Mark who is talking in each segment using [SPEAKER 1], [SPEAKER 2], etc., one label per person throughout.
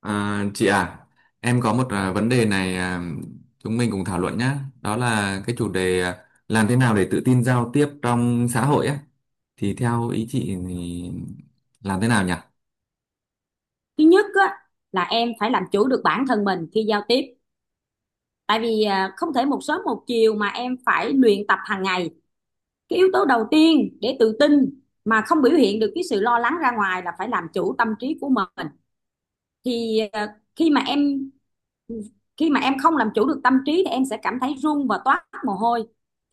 [SPEAKER 1] Chị à, em có một vấn đề này, à, chúng mình cùng thảo luận nhé. Đó là cái chủ đề, à, làm thế nào để tự tin giao tiếp trong xã hội á. Thì theo ý chị thì làm thế nào nhỉ?
[SPEAKER 2] Thứ nhất á, là em phải làm chủ được bản thân mình khi giao tiếp, tại vì không thể một sớm một chiều mà em phải luyện tập hàng ngày. Cái yếu tố đầu tiên để tự tin mà không biểu hiện được cái sự lo lắng ra ngoài là phải làm chủ tâm trí của mình. Khi mà em không làm chủ được tâm trí thì em sẽ cảm thấy run và toát mồ hôi.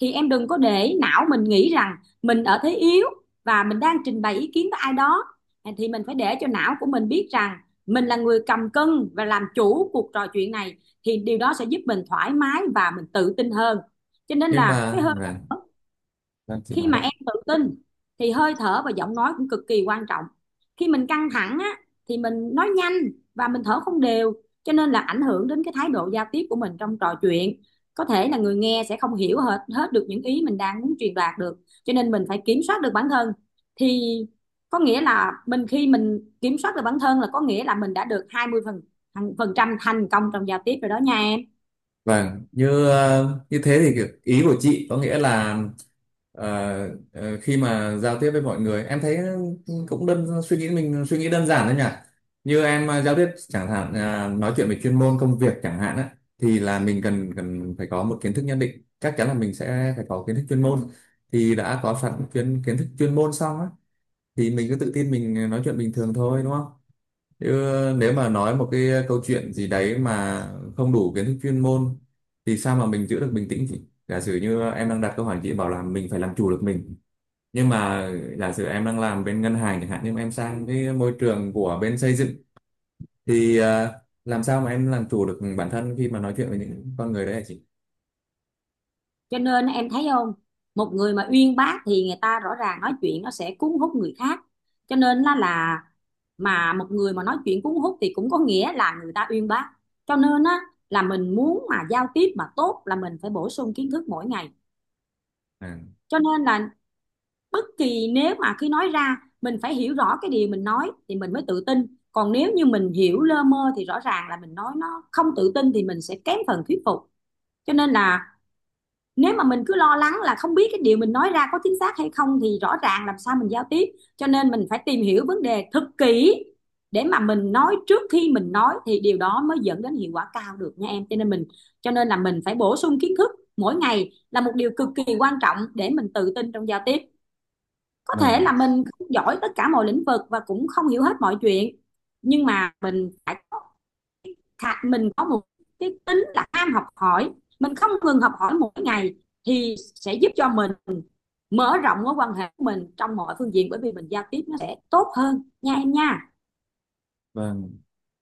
[SPEAKER 2] Thì em đừng có để não mình nghĩ rằng mình ở thế yếu và mình đang trình bày ý kiến với ai đó. Thì mình phải để cho não của mình biết rằng mình là người cầm cân và làm chủ cuộc trò chuyện này, thì điều đó sẽ giúp mình thoải mái và mình tự tin hơn. Cho nên
[SPEAKER 1] Nhưng
[SPEAKER 2] là cái
[SPEAKER 1] mà,
[SPEAKER 2] hơi
[SPEAKER 1] vâng,
[SPEAKER 2] thở,
[SPEAKER 1] vâng, chị
[SPEAKER 2] khi
[SPEAKER 1] nói
[SPEAKER 2] mà
[SPEAKER 1] đi.
[SPEAKER 2] em tự tin thì hơi thở và giọng nói cũng cực kỳ quan trọng. Khi mình căng thẳng á thì mình nói nhanh và mình thở không đều, cho nên là ảnh hưởng đến cái thái độ giao tiếp của mình trong trò chuyện. Có thể là người nghe sẽ không hiểu hết hết được những ý mình đang muốn truyền đạt được, cho nên mình phải kiểm soát được bản thân. Thì có nghĩa là mình, khi mình kiểm soát được bản thân là có nghĩa là mình đã được 20 phần phần trăm thành công trong giao tiếp rồi đó nha em.
[SPEAKER 1] Vâng, như thế thì ý của chị có nghĩa là ờ, khi mà giao tiếp với mọi người em thấy cũng đơn suy nghĩ mình suy nghĩ đơn giản thôi nhỉ. Như em giao tiếp chẳng hạn, nói chuyện về chuyên môn công việc chẳng hạn á thì là mình cần cần phải có một kiến thức nhất định, chắc chắn là mình sẽ phải có kiến thức chuyên môn. Thì đã có sẵn kiến kiến thức chuyên môn xong á thì mình cứ tự tin mình nói chuyện bình thường thôi đúng không? Chứ nếu mà nói một cái câu chuyện gì đấy mà không đủ kiến thức chuyên môn thì sao mà mình giữ được bình tĩnh chị? Giả sử như em đang đặt câu hỏi chị bảo là mình phải làm chủ được mình. Nhưng mà giả sử em đang làm bên ngân hàng chẳng hạn nhưng mà em sang cái môi trường của bên xây dựng thì làm sao mà em làm chủ được bản thân khi mà nói chuyện với những con người đấy hả chị?
[SPEAKER 2] Cho nên em thấy không, một người mà uyên bác thì người ta rõ ràng nói chuyện nó sẽ cuốn hút người khác. Cho nên là mà một người mà nói chuyện cuốn hút thì cũng có nghĩa là người ta uyên bác. Cho nên á là mình muốn mà giao tiếp mà tốt là mình phải bổ sung kiến thức mỗi ngày.
[SPEAKER 1] À,
[SPEAKER 2] Cho nên là bất kỳ nếu mà khi nói ra mình phải hiểu rõ cái điều mình nói thì mình mới tự tin, còn nếu như mình hiểu lơ mơ thì rõ ràng là mình nói nó không tự tin thì mình sẽ kém phần thuyết phục. Cho nên là nếu mà mình cứ lo lắng là không biết cái điều mình nói ra có chính xác hay không thì rõ ràng làm sao mình giao tiếp. Cho nên mình phải tìm hiểu vấn đề thật kỹ để mà mình nói, trước khi mình nói thì điều đó mới dẫn đến hiệu quả cao được nha em. Cho nên là mình phải bổ sung kiến thức mỗi ngày là một điều cực kỳ quan trọng để mình tự tin trong giao tiếp. Có thể
[SPEAKER 1] vâng,
[SPEAKER 2] là mình không giỏi tất cả mọi lĩnh vực và cũng không hiểu hết mọi chuyện, nhưng mà mình phải có, thà mình có một cái tính là ham học hỏi, mình không ngừng học hỏi mỗi ngày thì sẽ giúp cho mình mở rộng mối quan hệ của mình trong mọi phương diện, bởi vì mình giao tiếp nó sẽ tốt hơn nha em nha.
[SPEAKER 1] vâng.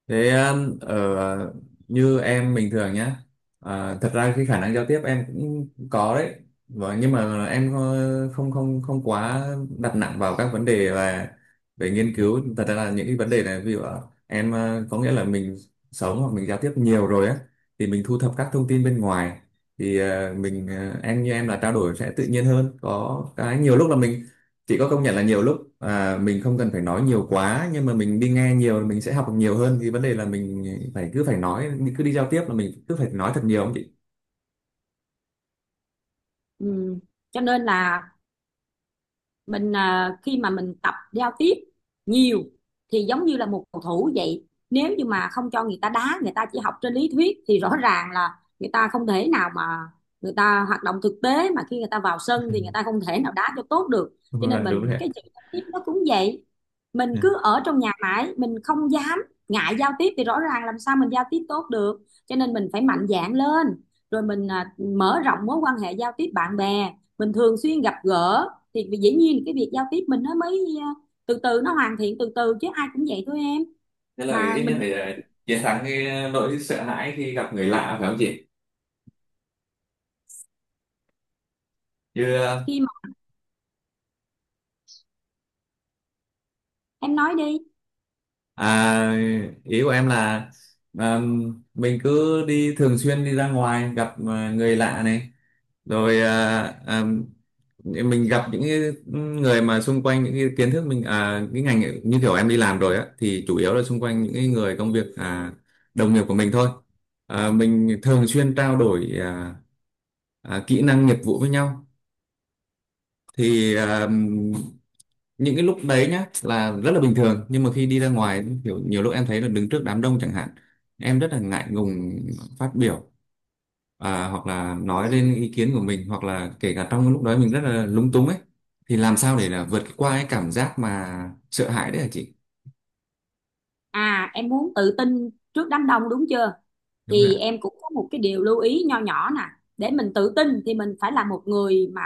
[SPEAKER 1] Thế ở như em bình thường nhá. À, thật ra cái khả năng giao tiếp em cũng có đấy. Và nhưng mà em không không không quá đặt nặng vào các vấn đề và về nghiên cứu. Thật ra là những cái vấn đề này ví dụ là em có nghĩa là mình sống hoặc mình giao tiếp nhiều rồi á thì mình thu thập các thông tin bên ngoài thì em như em là trao đổi sẽ tự nhiên hơn. Có cái nhiều lúc là mình chị có công nhận là nhiều lúc mình không cần phải nói nhiều quá nhưng mà mình đi nghe nhiều thì mình sẽ học được nhiều hơn thì vấn đề là mình cứ phải nói cứ đi giao tiếp là mình cứ phải nói thật nhiều không chị?
[SPEAKER 2] Ừ. Cho nên là mình, khi mà mình tập giao tiếp nhiều thì giống như là một cầu thủ vậy, nếu như mà không cho người ta đá, người ta chỉ học trên lý thuyết thì rõ ràng là người ta không thể nào mà người ta hoạt động thực tế, mà khi người ta vào sân
[SPEAKER 1] Ừ.
[SPEAKER 2] thì người ta không thể nào đá cho tốt được. Cho nên
[SPEAKER 1] Vâng, đúng rồi
[SPEAKER 2] mình
[SPEAKER 1] ạ.
[SPEAKER 2] cái chữ giao tiếp nó cũng vậy, mình
[SPEAKER 1] Ừ.
[SPEAKER 2] cứ ở trong nhà mãi, mình không dám, ngại giao tiếp thì rõ ràng làm sao mình giao tiếp tốt được. Cho nên mình phải mạnh dạn lên, rồi mình mở rộng mối quan hệ giao tiếp, bạn bè mình thường xuyên gặp gỡ thì vì dĩ nhiên cái việc giao tiếp mình nó mới từ từ nó hoàn thiện từ từ chứ ai cũng vậy thôi em.
[SPEAKER 1] Thế là
[SPEAKER 2] Mà
[SPEAKER 1] ít nhất
[SPEAKER 2] mình
[SPEAKER 1] phải chiến thắng cái nỗi sợ hãi khi gặp người lạ phải không chị? Như ờ,
[SPEAKER 2] khi mà em nói đi.
[SPEAKER 1] Ý của em là mình cứ đi thường xuyên đi ra ngoài gặp người lạ này, rồi mình gặp những cái người mà xung quanh những cái kiến thức mình cái ngành ấy, như kiểu em đi làm rồi á thì chủ yếu là xung quanh những cái người công việc, đồng nghiệp của mình thôi, à, mình thường xuyên trao đổi kỹ năng nghiệp vụ với nhau thì những cái lúc đấy nhá là rất là bình thường nhưng mà khi đi ra ngoài kiểu nhiều lúc em thấy là đứng trước đám đông chẳng hạn em rất là ngại ngùng phát biểu, hoặc là nói lên ý kiến của mình hoặc là kể cả trong cái lúc đó mình rất là lúng túng ấy thì làm sao để là vượt qua cái cảm giác mà sợ hãi đấy hả chị?
[SPEAKER 2] À, em muốn tự tin trước đám đông đúng chưa,
[SPEAKER 1] Đúng rồi
[SPEAKER 2] thì
[SPEAKER 1] ạ.
[SPEAKER 2] em cũng có một cái điều lưu ý nho nhỏ nè. Để mình tự tin thì mình phải là một người mà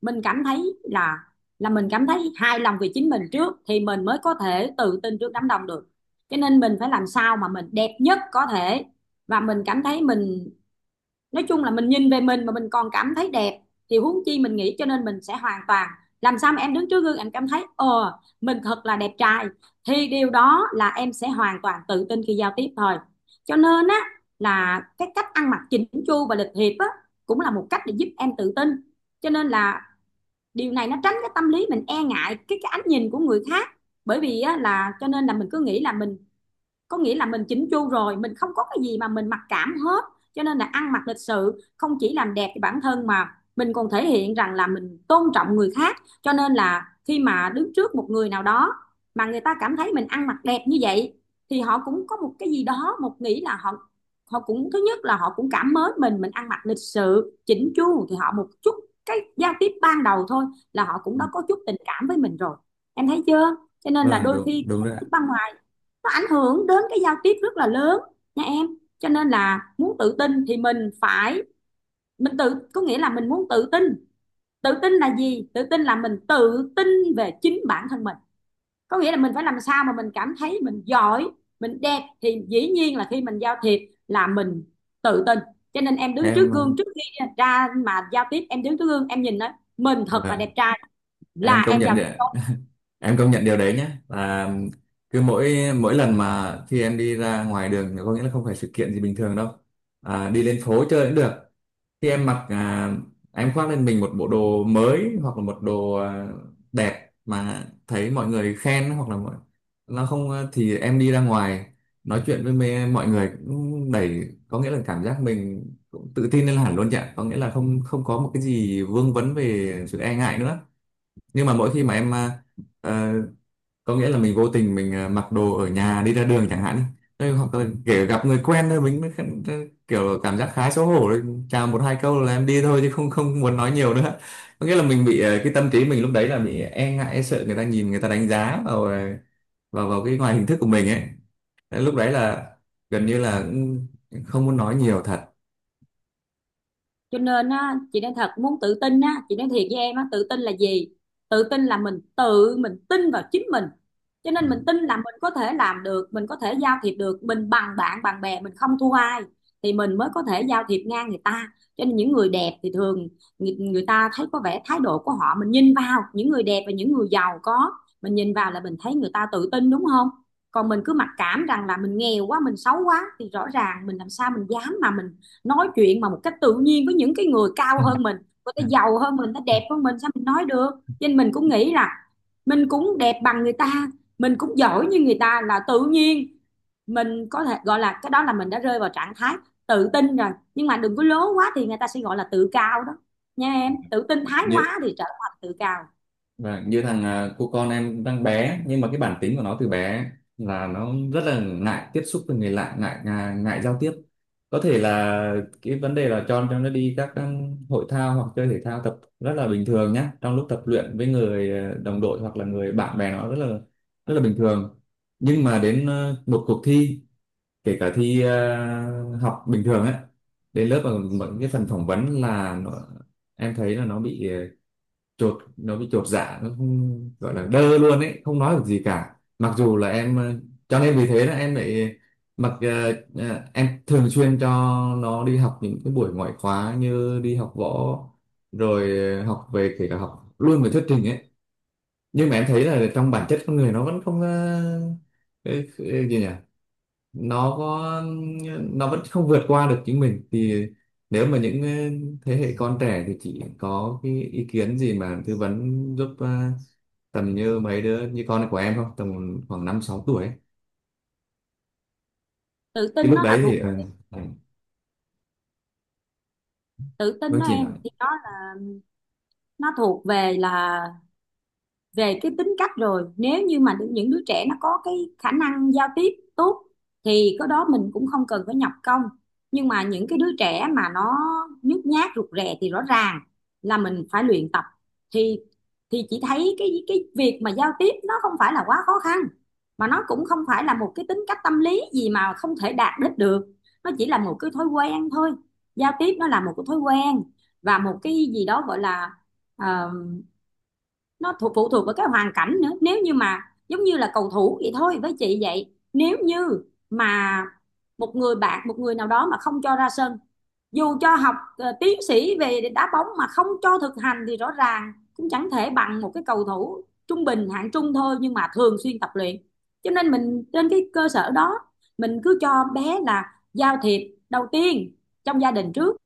[SPEAKER 2] mình cảm thấy là mình cảm thấy hài lòng về chính mình trước thì mình mới có thể tự tin trước đám đông được. Cho nên mình phải làm sao mà mình đẹp nhất có thể và mình cảm thấy mình, nói chung là mình nhìn về mình mà mình còn cảm thấy đẹp thì huống chi mình nghĩ, cho nên mình sẽ hoàn toàn, làm sao mà em đứng trước gương em cảm thấy ờ mình thật là đẹp trai thì điều đó là em sẽ hoàn toàn tự tin khi giao tiếp thôi. Cho nên á là cái cách ăn mặc chỉnh chu và lịch thiệp á cũng là một cách để giúp em tự tin. Cho nên là điều này nó tránh cái tâm lý mình e ngại cái ánh nhìn của người khác, bởi vì á, là cho nên là mình cứ nghĩ là mình, có nghĩa là mình chỉnh chu rồi, mình không có cái gì mà mình mặc cảm hết. Cho nên là ăn mặc lịch sự không chỉ làm đẹp cho bản thân mà mình còn thể hiện rằng là mình tôn trọng người khác. Cho nên là khi mà đứng trước một người nào đó mà người ta cảm thấy mình ăn mặc đẹp như vậy thì họ cũng có một cái gì đó, một nghĩ là họ họ cũng, thứ nhất là họ cũng cảm mến mình ăn mặc lịch sự chỉnh chu thì họ một chút cái giao tiếp ban đầu thôi là họ cũng
[SPEAKER 1] Ừ.
[SPEAKER 2] đã có chút tình cảm với mình rồi. Em thấy chưa, cho nên là
[SPEAKER 1] Vâng,
[SPEAKER 2] đôi
[SPEAKER 1] đúng
[SPEAKER 2] khi
[SPEAKER 1] đúng rồi ạ.
[SPEAKER 2] văn nó ảnh hưởng đến cái giao tiếp rất là lớn nha em. Cho nên là muốn tự tin thì mình phải, mình tự, có nghĩa là mình muốn tự tin, tự tin là gì, tự tin là mình tự tin về chính bản thân mình, có nghĩa là mình phải làm sao mà mình cảm thấy mình giỏi, mình đẹp thì dĩ nhiên là khi mình giao thiệp là mình tự tin. Cho nên em đứng
[SPEAKER 1] em
[SPEAKER 2] trước
[SPEAKER 1] ờ,
[SPEAKER 2] gương, trước khi ra mà giao tiếp em đứng trước gương em nhìn đó, mình thật là
[SPEAKER 1] là
[SPEAKER 2] đẹp trai là
[SPEAKER 1] em công
[SPEAKER 2] em
[SPEAKER 1] nhận
[SPEAKER 2] giao
[SPEAKER 1] đấy
[SPEAKER 2] tiếp
[SPEAKER 1] ạ,
[SPEAKER 2] tốt.
[SPEAKER 1] em công nhận điều đấy nhé là cứ mỗi mỗi lần mà khi em đi ra ngoài đường thì có nghĩa là không phải sự kiện gì bình thường đâu, đi lên phố chơi cũng được. Khi em em khoác lên mình một bộ đồ mới hoặc là một đồ đẹp mà thấy mọi người khen hoặc là mọi nó không à, thì em đi ra ngoài nói chuyện với mê, mọi người cũng đẩy có nghĩa là cảm giác mình cũng tự tin lên hẳn luôn chị ạ, có nghĩa là không không có một cái gì vương vấn về sự e ngại nữa. Nhưng mà mỗi khi mà em ờ, có nghĩa là mình vô tình mình mặc đồ ở nhà đi ra đường chẳng hạn. Đây, hoặc là kể gặp người quen thôi kiểu cảm giác khá xấu hổ đấy. Chào một hai câu là em đi thôi chứ không không muốn nói nhiều nữa, có nghĩa là mình bị cái tâm trí mình lúc đấy là bị e ngại e sợ người ta nhìn người ta đánh giá vào à, vào vào cái ngoài hình thức của mình ấy. Đấy, lúc đấy là gần như là cũng không muốn nói nhiều thật.
[SPEAKER 2] Cho nên á chị nói thật, muốn tự tin á chị nói thiệt với em á, tự tin là gì, tự tin là mình tự mình tin vào chính mình. Cho
[SPEAKER 1] Ừ.
[SPEAKER 2] nên mình tin là mình có thể làm được, mình có thể giao thiệp được, mình bằng bạn bằng bè, mình không thua ai thì mình mới có thể giao thiệp ngang người ta. Cho nên những người đẹp thì thường người ta thấy có vẻ thái độ của họ, mình nhìn vào những người đẹp và những người giàu có, mình nhìn vào là mình thấy người ta tự tin đúng không. Còn mình cứ mặc cảm rằng là mình nghèo quá, mình xấu quá thì rõ ràng mình làm sao mình dám mà mình nói chuyện mà một cách tự nhiên với những cái người cao
[SPEAKER 1] Ừ.
[SPEAKER 2] hơn mình, người ta
[SPEAKER 1] Ừ.
[SPEAKER 2] giàu hơn mình, người ta
[SPEAKER 1] Ừ.
[SPEAKER 2] đẹp hơn mình, sao mình nói được. Cho nên mình cũng nghĩ là mình cũng đẹp bằng người ta, mình cũng giỏi như người ta là tự nhiên, mình có thể gọi là cái đó là mình đã rơi vào trạng thái tự tin rồi. Nhưng mà đừng có lố quá thì người ta sẽ gọi là tự cao đó nha em, tự tin thái quá thì trở thành tự cao.
[SPEAKER 1] Và như cô con em đang bé nhưng mà cái bản tính của nó từ bé là nó rất là ngại tiếp xúc với người lạ, ngại ngại, ngại giao tiếp. Có thể là cái vấn đề là cho nó đi các hội thao hoặc chơi thể thao tập rất là bình thường nhá, trong lúc tập luyện với người đồng đội hoặc là người bạn bè nó rất là bình thường, nhưng mà đến một cuộc thi, kể cả thi học bình thường ấy, đến lớp ở một cái phần phỏng vấn là nó, em thấy là nó bị à, chột nó bị chột dạ, nó không gọi là đơ luôn ấy không nói được gì cả, mặc dù là em cho nên vì thế là em lại em thường xuyên cho nó đi học những cái buổi ngoại khóa như đi học võ rồi học về kể cả học luôn về thuyết trình ấy. Nhưng mà em thấy là trong bản chất con người nó vẫn không ờ, cái gì nhỉ nó có nó vẫn không vượt qua được chính mình. Thì nếu mà những thế hệ con trẻ thì chị có cái ý kiến gì mà tư vấn giúp, tầm như mấy đứa như con của em không, tầm khoảng năm sáu tuổi ấy.
[SPEAKER 2] tự
[SPEAKER 1] Cái
[SPEAKER 2] tin
[SPEAKER 1] lúc
[SPEAKER 2] nó
[SPEAKER 1] đấy
[SPEAKER 2] là
[SPEAKER 1] thì
[SPEAKER 2] thuộc
[SPEAKER 1] ờ,
[SPEAKER 2] Tự tin
[SPEAKER 1] vâng
[SPEAKER 2] đó
[SPEAKER 1] chị
[SPEAKER 2] em
[SPEAKER 1] nói.
[SPEAKER 2] thì nó thuộc về là về cái tính cách rồi. Nếu như mà những đứa trẻ nó có cái khả năng giao tiếp tốt thì cái đó mình cũng không cần phải nhập công. Nhưng mà những cái đứa trẻ mà nó nhút nhát rụt rè thì rõ ràng là mình phải luyện tập. thì thì chị thấy cái việc mà giao tiếp nó không phải là quá khó khăn, mà nó cũng không phải là một cái tính cách tâm lý gì mà không thể đạt đích được, nó chỉ là một cái thói quen thôi. Giao tiếp nó là một cái thói quen và một cái gì đó gọi là ờ, nó thuộc phụ thuộc vào cái hoàn cảnh nữa. Nếu như mà giống như là cầu thủ vậy thôi, với chị vậy nếu như mà một người bạn, một người nào đó mà không cho ra sân, dù cho học tiến sĩ về đá bóng mà không cho thực hành thì rõ ràng cũng chẳng thể bằng một cái cầu thủ trung bình hạng trung thôi nhưng mà thường xuyên tập luyện. Cho nên mình trên cái cơ sở đó mình cứ cho bé là giao thiệp đầu tiên trong gia đình trước,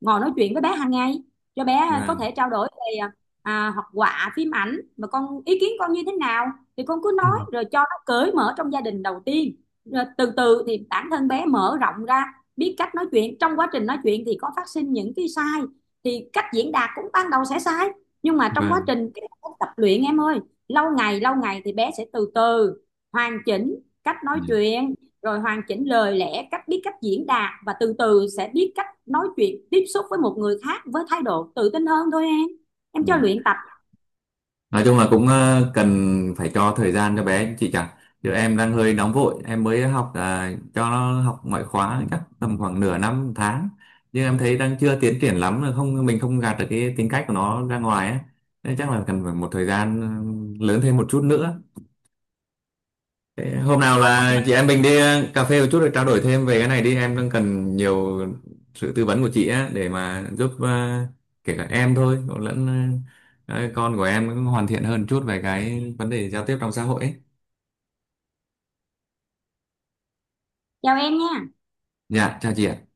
[SPEAKER 2] ngồi nói chuyện với bé hàng ngày, cho bé có
[SPEAKER 1] Vâng.
[SPEAKER 2] thể trao đổi về học họa phim ảnh mà con ý kiến con như thế nào thì con cứ nói,
[SPEAKER 1] Ừ.
[SPEAKER 2] rồi cho nó cởi mở trong gia đình đầu tiên. Rồi từ từ thì bản thân bé mở rộng ra, biết cách nói chuyện, trong quá trình nói chuyện thì có phát sinh những cái sai thì cách diễn đạt cũng ban đầu sẽ sai, nhưng mà trong quá
[SPEAKER 1] Vâng.
[SPEAKER 2] trình cái tập luyện em ơi, lâu ngày thì bé sẽ từ từ hoàn chỉnh cách nói
[SPEAKER 1] Dạ.
[SPEAKER 2] chuyện, rồi hoàn chỉnh lời lẽ, cách biết cách diễn đạt và từ từ sẽ biết cách nói chuyện tiếp xúc với một người khác với thái độ tự tin hơn thôi em cho
[SPEAKER 1] Dạ.
[SPEAKER 2] luyện tập.
[SPEAKER 1] Nói chung là cũng cần phải cho thời gian cho bé chị chẳng. Chứ em đang hơi nóng vội, em mới cho nó học ngoại khóa chắc tầm khoảng nửa năm một tháng. Nhưng em thấy đang chưa tiến triển lắm, là không mình không gạt được cái tính cách của nó ra ngoài ấy. Nên chắc là cần phải một thời gian lớn thêm một chút nữa. Thế hôm nào là chị em mình đi cà phê một chút để trao đổi thêm về cái này đi, em đang cần nhiều sự tư vấn của chị á để mà giúp, kể cả em thôi cũng lẫn con của em cũng hoàn thiện hơn chút về cái vấn đề giao tiếp trong xã hội ấy.
[SPEAKER 2] Chào em nha.
[SPEAKER 1] Dạ chào chị ạ.